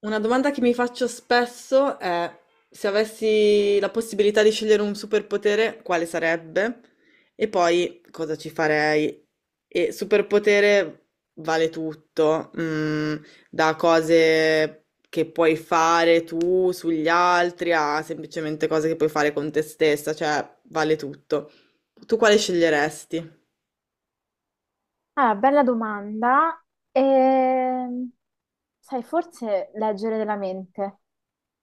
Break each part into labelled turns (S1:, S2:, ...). S1: Una domanda che mi faccio spesso è se avessi la possibilità di scegliere un superpotere, quale sarebbe? E poi cosa ci farei? E superpotere vale tutto, da cose che puoi fare tu sugli altri a semplicemente cose che puoi fare con te stessa, cioè vale tutto. Tu quale sceglieresti?
S2: Ah, bella domanda. Ehm, Sai, forse leggere della mente.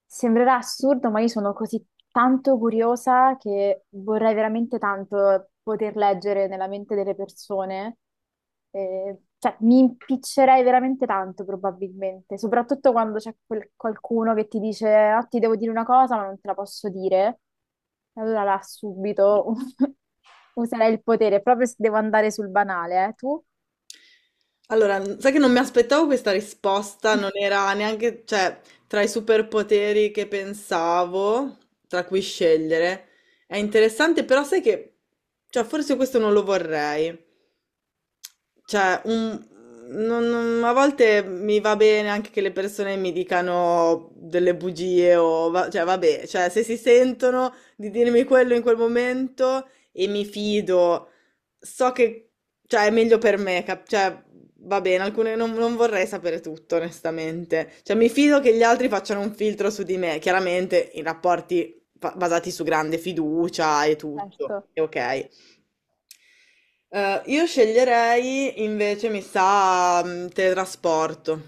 S2: Sembrerà assurdo, ma io sono così tanto curiosa che vorrei veramente tanto poter leggere nella mente delle persone. Cioè, mi impiccerei veramente tanto, probabilmente, soprattutto quando c'è qualcuno che ti dice: "Ah, ti devo dire una cosa, ma non te la posso dire." Allora là subito userei il potere, proprio se devo andare sul banale, tu?
S1: Allora, sai che non mi aspettavo questa risposta, non era neanche, cioè, tra i superpoteri che pensavo, tra cui scegliere. È interessante, però sai che, cioè, forse questo non lo vorrei. Cioè, a volte mi va bene anche che le persone mi dicano delle bugie o cioè, vabbè, cioè, se si sentono di dirmi quello in quel momento e mi fido, so che, cioè, è meglio per me, cioè, va bene, alcune non, non vorrei sapere tutto, onestamente. Cioè, mi fido che gli altri facciano un filtro su di me, chiaramente in rapporti basati su grande fiducia e tutto,
S2: Certo.
S1: è ok. Io sceglierei invece, mi sa, teletrasporto,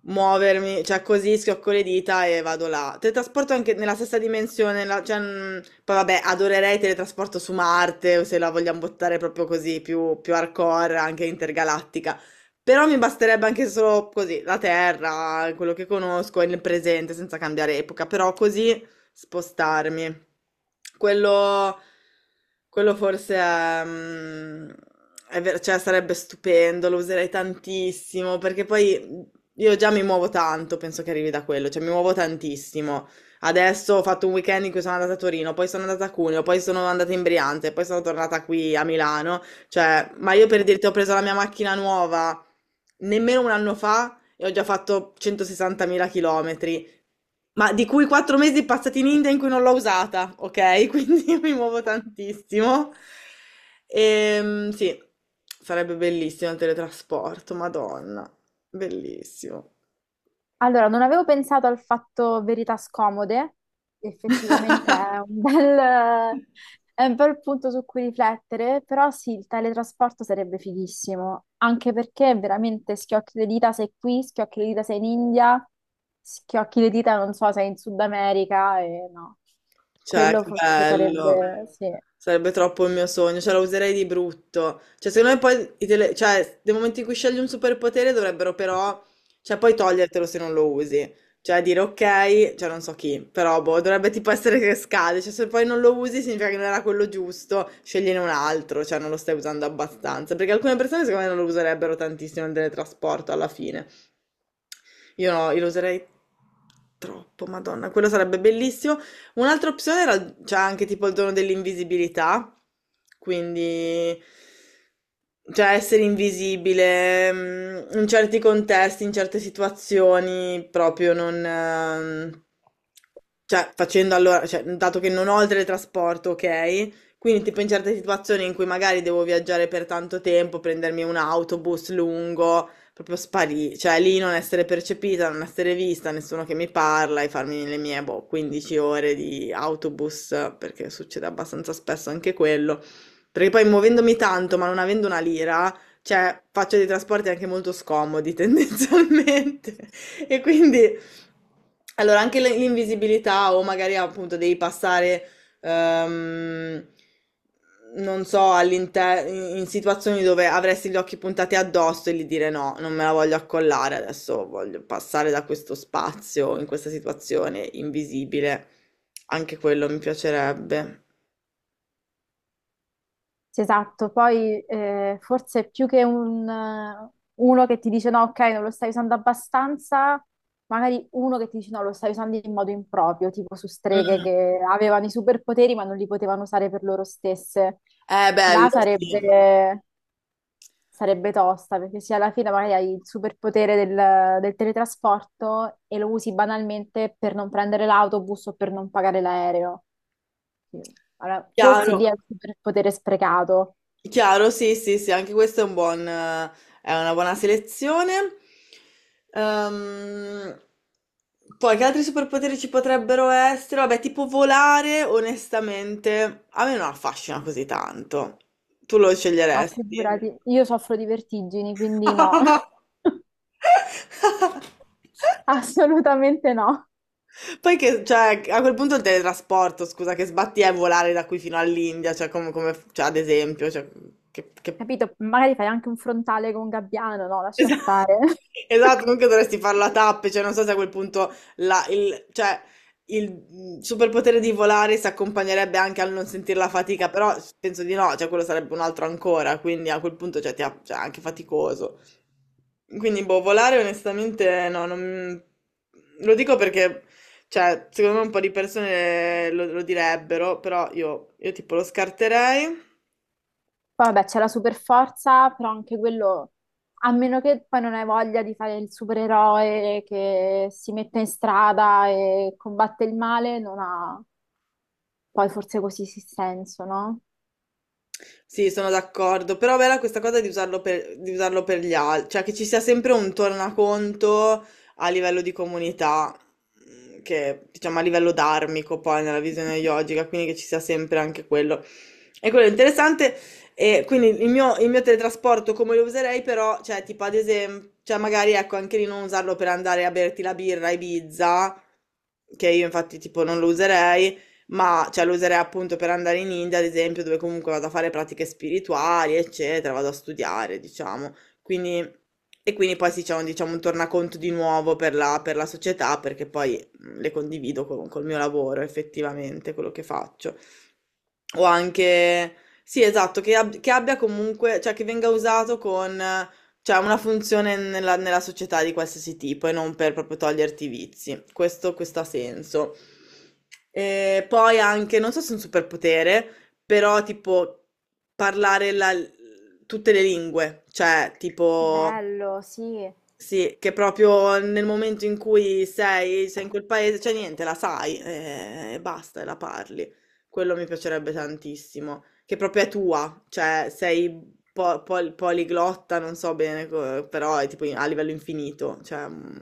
S1: muovermi, cioè così schiocco le dita e vado là. Teletrasporto anche nella stessa dimensione, cioè, poi vabbè, adorerei teletrasporto su Marte, o se la vogliamo buttare proprio così, più, più hardcore, anche intergalattica. Però mi basterebbe anche solo così, la Terra, quello che conosco, il presente, senza cambiare epoca, però così spostarmi. Quello, quello forse è, è cioè sarebbe stupendo, lo userei tantissimo, perché poi io già mi muovo tanto, penso che arrivi da quello, cioè mi muovo tantissimo. Adesso ho fatto un weekend in cui sono andata a Torino, poi sono andata a Cuneo, poi sono andata in Brianza, poi sono tornata qui a Milano. Cioè, ma io per dirti, ho preso la mia macchina nuova nemmeno un anno fa e ho già fatto 160.000 chilometri, ma di cui 4 mesi passati in India in cui non l'ho usata, ok? Quindi io mi muovo tantissimo. Sì, sarebbe bellissimo il teletrasporto, Madonna, bellissimo.
S2: Allora, non avevo pensato al fatto verità scomode, effettivamente è un bel, è un bel punto su cui riflettere, però sì, il teletrasporto sarebbe fighissimo, anche perché veramente schiocchi le dita sei qui, schiocchi le dita sei in India, schiocchi le dita non so, sei in Sud America e no,
S1: Cioè,
S2: quello
S1: che
S2: forse
S1: bello.
S2: sarebbe, sì.
S1: Sarebbe troppo il mio sogno, cioè la userei di brutto. Cioè, secondo me poi, i cioè, nel momento in cui scegli un superpotere dovrebbero però, cioè poi togliertelo se non lo usi. Cioè dire ok, cioè non so chi, però boh, dovrebbe tipo essere che scade, cioè se poi non lo usi significa che non era quello giusto, scegliene un altro, cioè non lo stai usando abbastanza, perché alcune persone secondo me non lo userebbero tantissimo nel teletrasporto alla fine. Io no, io lo userei troppo, Madonna, quello sarebbe bellissimo. Un'altra opzione era c'è anche tipo il dono dell'invisibilità, quindi cioè essere invisibile, in certi contesti, in certe situazioni, proprio non cioè facendo allora, cioè, dato che non ho il teletrasporto, ok? Quindi tipo in certe situazioni in cui magari devo viaggiare per tanto tempo, prendermi un autobus lungo, proprio sparì, cioè lì non essere percepita, non essere vista, nessuno che mi parla e farmi le mie boh, 15 ore di autobus, perché succede abbastanza spesso anche quello, perché poi muovendomi tanto ma non avendo una lira, cioè faccio dei trasporti anche molto scomodi tendenzialmente e quindi... Allora, anche l'invisibilità o magari appunto devi passare, ehm, non so, all'interno, in situazioni dove avresti gli occhi puntati addosso e gli dire no, non me la voglio accollare adesso, voglio passare da questo spazio in questa situazione invisibile. Anche quello mi piacerebbe.
S2: Sì, esatto, poi forse più che uno che ti dice no, ok, non lo stai usando abbastanza, magari uno che ti dice no, lo stai usando in modo improprio, tipo su streghe
S1: Mm.
S2: che avevano i superpoteri ma non li potevano usare per loro stesse.
S1: È bello,
S2: Là
S1: sì.
S2: sarebbe tosta, perché se alla fine magari hai il superpotere del, del teletrasporto e lo usi banalmente per non prendere l'autobus o per non pagare l'aereo. Sì. Allora, forse
S1: Chiaro.
S2: lì è il superpotere sprecato.
S1: Chiaro, sì, sì, sì, anche questo è un buon, è una buona selezione. Ehm, poi che altri superpoteri ci potrebbero essere? Vabbè, tipo volare, onestamente, a me non affascina così tanto. Tu lo
S2: Ma
S1: sceglieresti?
S2: figurati, io soffro di vertigini, quindi no, assolutamente no.
S1: Poi che, cioè, a quel punto il teletrasporto, scusa, che sbatti è volare da qui fino all'India, cioè, come, cioè, ad esempio, cioè, che...
S2: Capito? Magari fai anche un frontale con un gabbiano, no, lascia stare.
S1: Esatto, non che dovresti farla tappe, cioè non so se a quel punto il, cioè, il superpotere di volare si accompagnerebbe anche al non sentire la fatica, però penso di no, cioè quello sarebbe un altro ancora, quindi a quel punto cioè, ti cioè, è anche faticoso. Quindi boh, volare onestamente no, lo dico perché cioè, secondo me un po' di persone lo, lo direbbero, però io tipo lo scarterei.
S2: Poi vabbè, c'è la super forza, però anche quello, a meno che poi non hai voglia di fare il supereroe che si mette in strada e combatte il male, non ha poi forse così sì senso, no?
S1: Sì, sono d'accordo, però bella questa cosa di usarlo per gli altri, cioè che ci sia sempre un tornaconto a livello di comunità, che diciamo a livello dharmico poi nella visione yogica, quindi che ci sia sempre anche quello. E quello è interessante, e quindi il mio teletrasporto come lo userei però, cioè tipo ad esempio, cioè magari ecco anche lì non usarlo per andare a berti la birra a Ibiza, che io infatti tipo non lo userei, ma cioè, lo userei appunto per andare in India ad esempio, dove comunque vado a fare pratiche spirituali, eccetera, vado a studiare, diciamo. Quindi, e quindi poi sì, c'è un, diciamo, un tornaconto di nuovo per la società, perché poi le condivido con, col mio lavoro effettivamente, quello che faccio. O anche, sì, esatto, che, che abbia comunque, cioè che venga usato con, cioè una funzione nella, nella società di qualsiasi tipo e non per proprio toglierti i vizi. Questo ha senso. E poi anche, non so se è un superpotere, però tipo parlare tutte le lingue, cioè tipo
S2: Bello, sì,
S1: sì, che proprio nel momento in cui sei, sei in quel paese, c'è niente, la sai e basta, e la parli. Quello mi piacerebbe tantissimo, che proprio è tua, cioè sei poliglotta, non so bene, però è tipo a livello infinito, cioè... mm.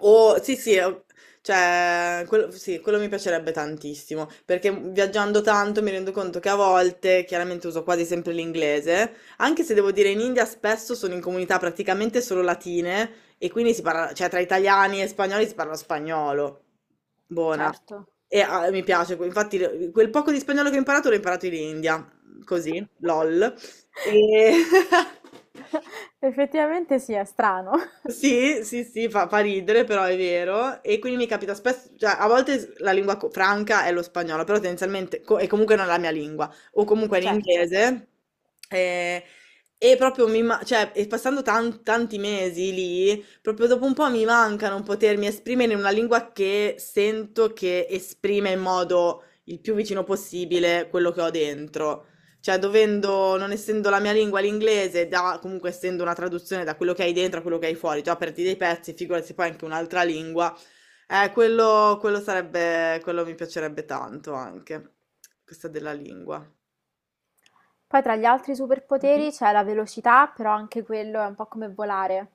S1: O sì, sì, cioè, quello, sì, quello mi piacerebbe tantissimo, perché viaggiando tanto mi rendo conto che a volte, chiaramente uso quasi sempre l'inglese, anche se devo dire in India spesso sono in comunità praticamente solo latine e quindi si parla, cioè tra italiani e spagnoli si parla spagnolo. Buona.
S2: certo.
S1: E ah, mi piace, infatti quel poco di spagnolo che ho imparato l'ho imparato in India, così, lol. E...
S2: Effettivamente sì, è strano.
S1: Sì, sì, sì, fa ridere, però è vero. E quindi mi capita spesso, cioè a volte la lingua franca è lo spagnolo, però tendenzialmente, e comunque non è la mia lingua, o comunque
S2: Certo.
S1: l'inglese. Eh, e, proprio mi, cioè, e passando tanti mesi lì, proprio dopo un po' mi manca non potermi esprimere in una lingua che sento che esprime in modo il più vicino possibile quello che ho dentro. Cioè, dovendo, non essendo la mia lingua l'inglese, da, comunque essendo una traduzione da quello che hai dentro a quello che hai fuori, già perdi dei pezzi, figurati se poi anche un'altra lingua. Quello, quello sarebbe, quello mi piacerebbe tanto anche, questa della lingua.
S2: Poi tra gli altri
S1: Mhm.
S2: superpoteri c'è la velocità, però anche quello è un po' come volare.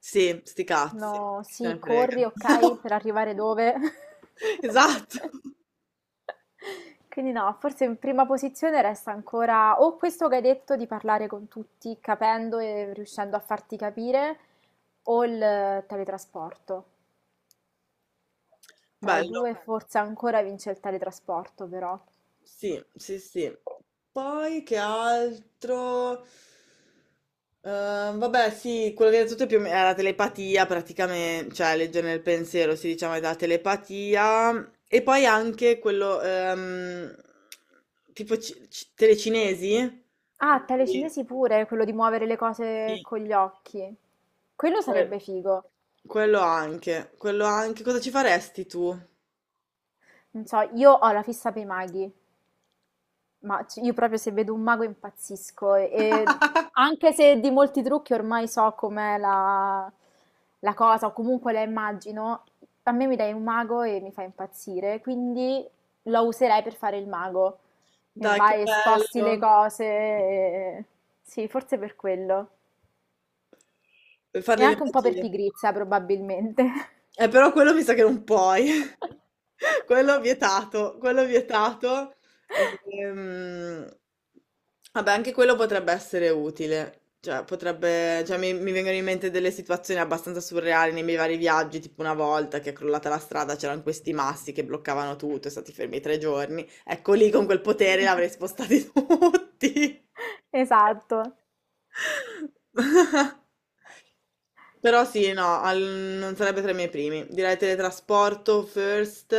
S1: Sì, sti cazzi,
S2: No,
S1: chi se
S2: sì,
S1: ne frega.
S2: corri, ok, per arrivare dove?
S1: Esatto,
S2: Quindi no, forse in prima posizione resta ancora o questo che hai detto di parlare con tutti, capendo e riuscendo a farti capire, o il teletrasporto. Tra i
S1: bello.
S2: due forse ancora vince il teletrasporto, però.
S1: Sì, sì, sì. Poi che altro? Vabbè, sì, quello che hai detto tu è più o è la telepatia, praticamente, cioè leggere nel pensiero, si diciamo, è la telepatia. E poi anche quello, tipo telecinesi,
S2: Ah,
S1: quindi,
S2: telecinesi pure, quello di muovere le cose
S1: sì,
S2: con gli occhi. Quello
S1: que-
S2: sarebbe figo.
S1: quello anche, quello anche. Cosa ci faresti tu?
S2: Non so, io ho la fissa per i maghi, ma io proprio se vedo un mago impazzisco. E anche se di molti trucchi ormai so com'è la cosa, o comunque la immagino, a me mi dai un mago e mi fa impazzire, quindi lo userei per fare il mago. E
S1: Dai, che
S2: vai e sposti le
S1: bello,
S2: cose. Sì, forse per quello.
S1: per
S2: E
S1: fare le
S2: anche un po' per
S1: magie.
S2: pigrizia, probabilmente.
S1: Però quello mi sa che non puoi. Quello vietato, quello vietato. Ehm, vabbè, anche quello potrebbe essere utile. Cioè, potrebbe, cioè, mi vengono in mente delle situazioni abbastanza surreali nei miei vari viaggi, tipo una volta che è crollata la strada, c'erano questi massi che bloccavano tutto, e stati fermi 3 giorni. Ecco lì con quel potere l'avrei spostati tutti.
S2: Esatto,
S1: Però sì, no, non sarebbe tra i miei primi. Direi teletrasporto first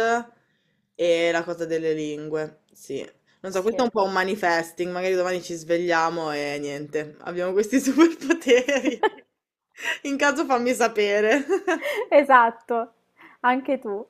S1: e la cosa delle lingue, sì. Non so, questo è
S2: sì.
S1: un po' un manifesting, magari domani ci svegliamo e niente, abbiamo questi superpoteri. In caso fammi sapere.
S2: Esatto, anche tu.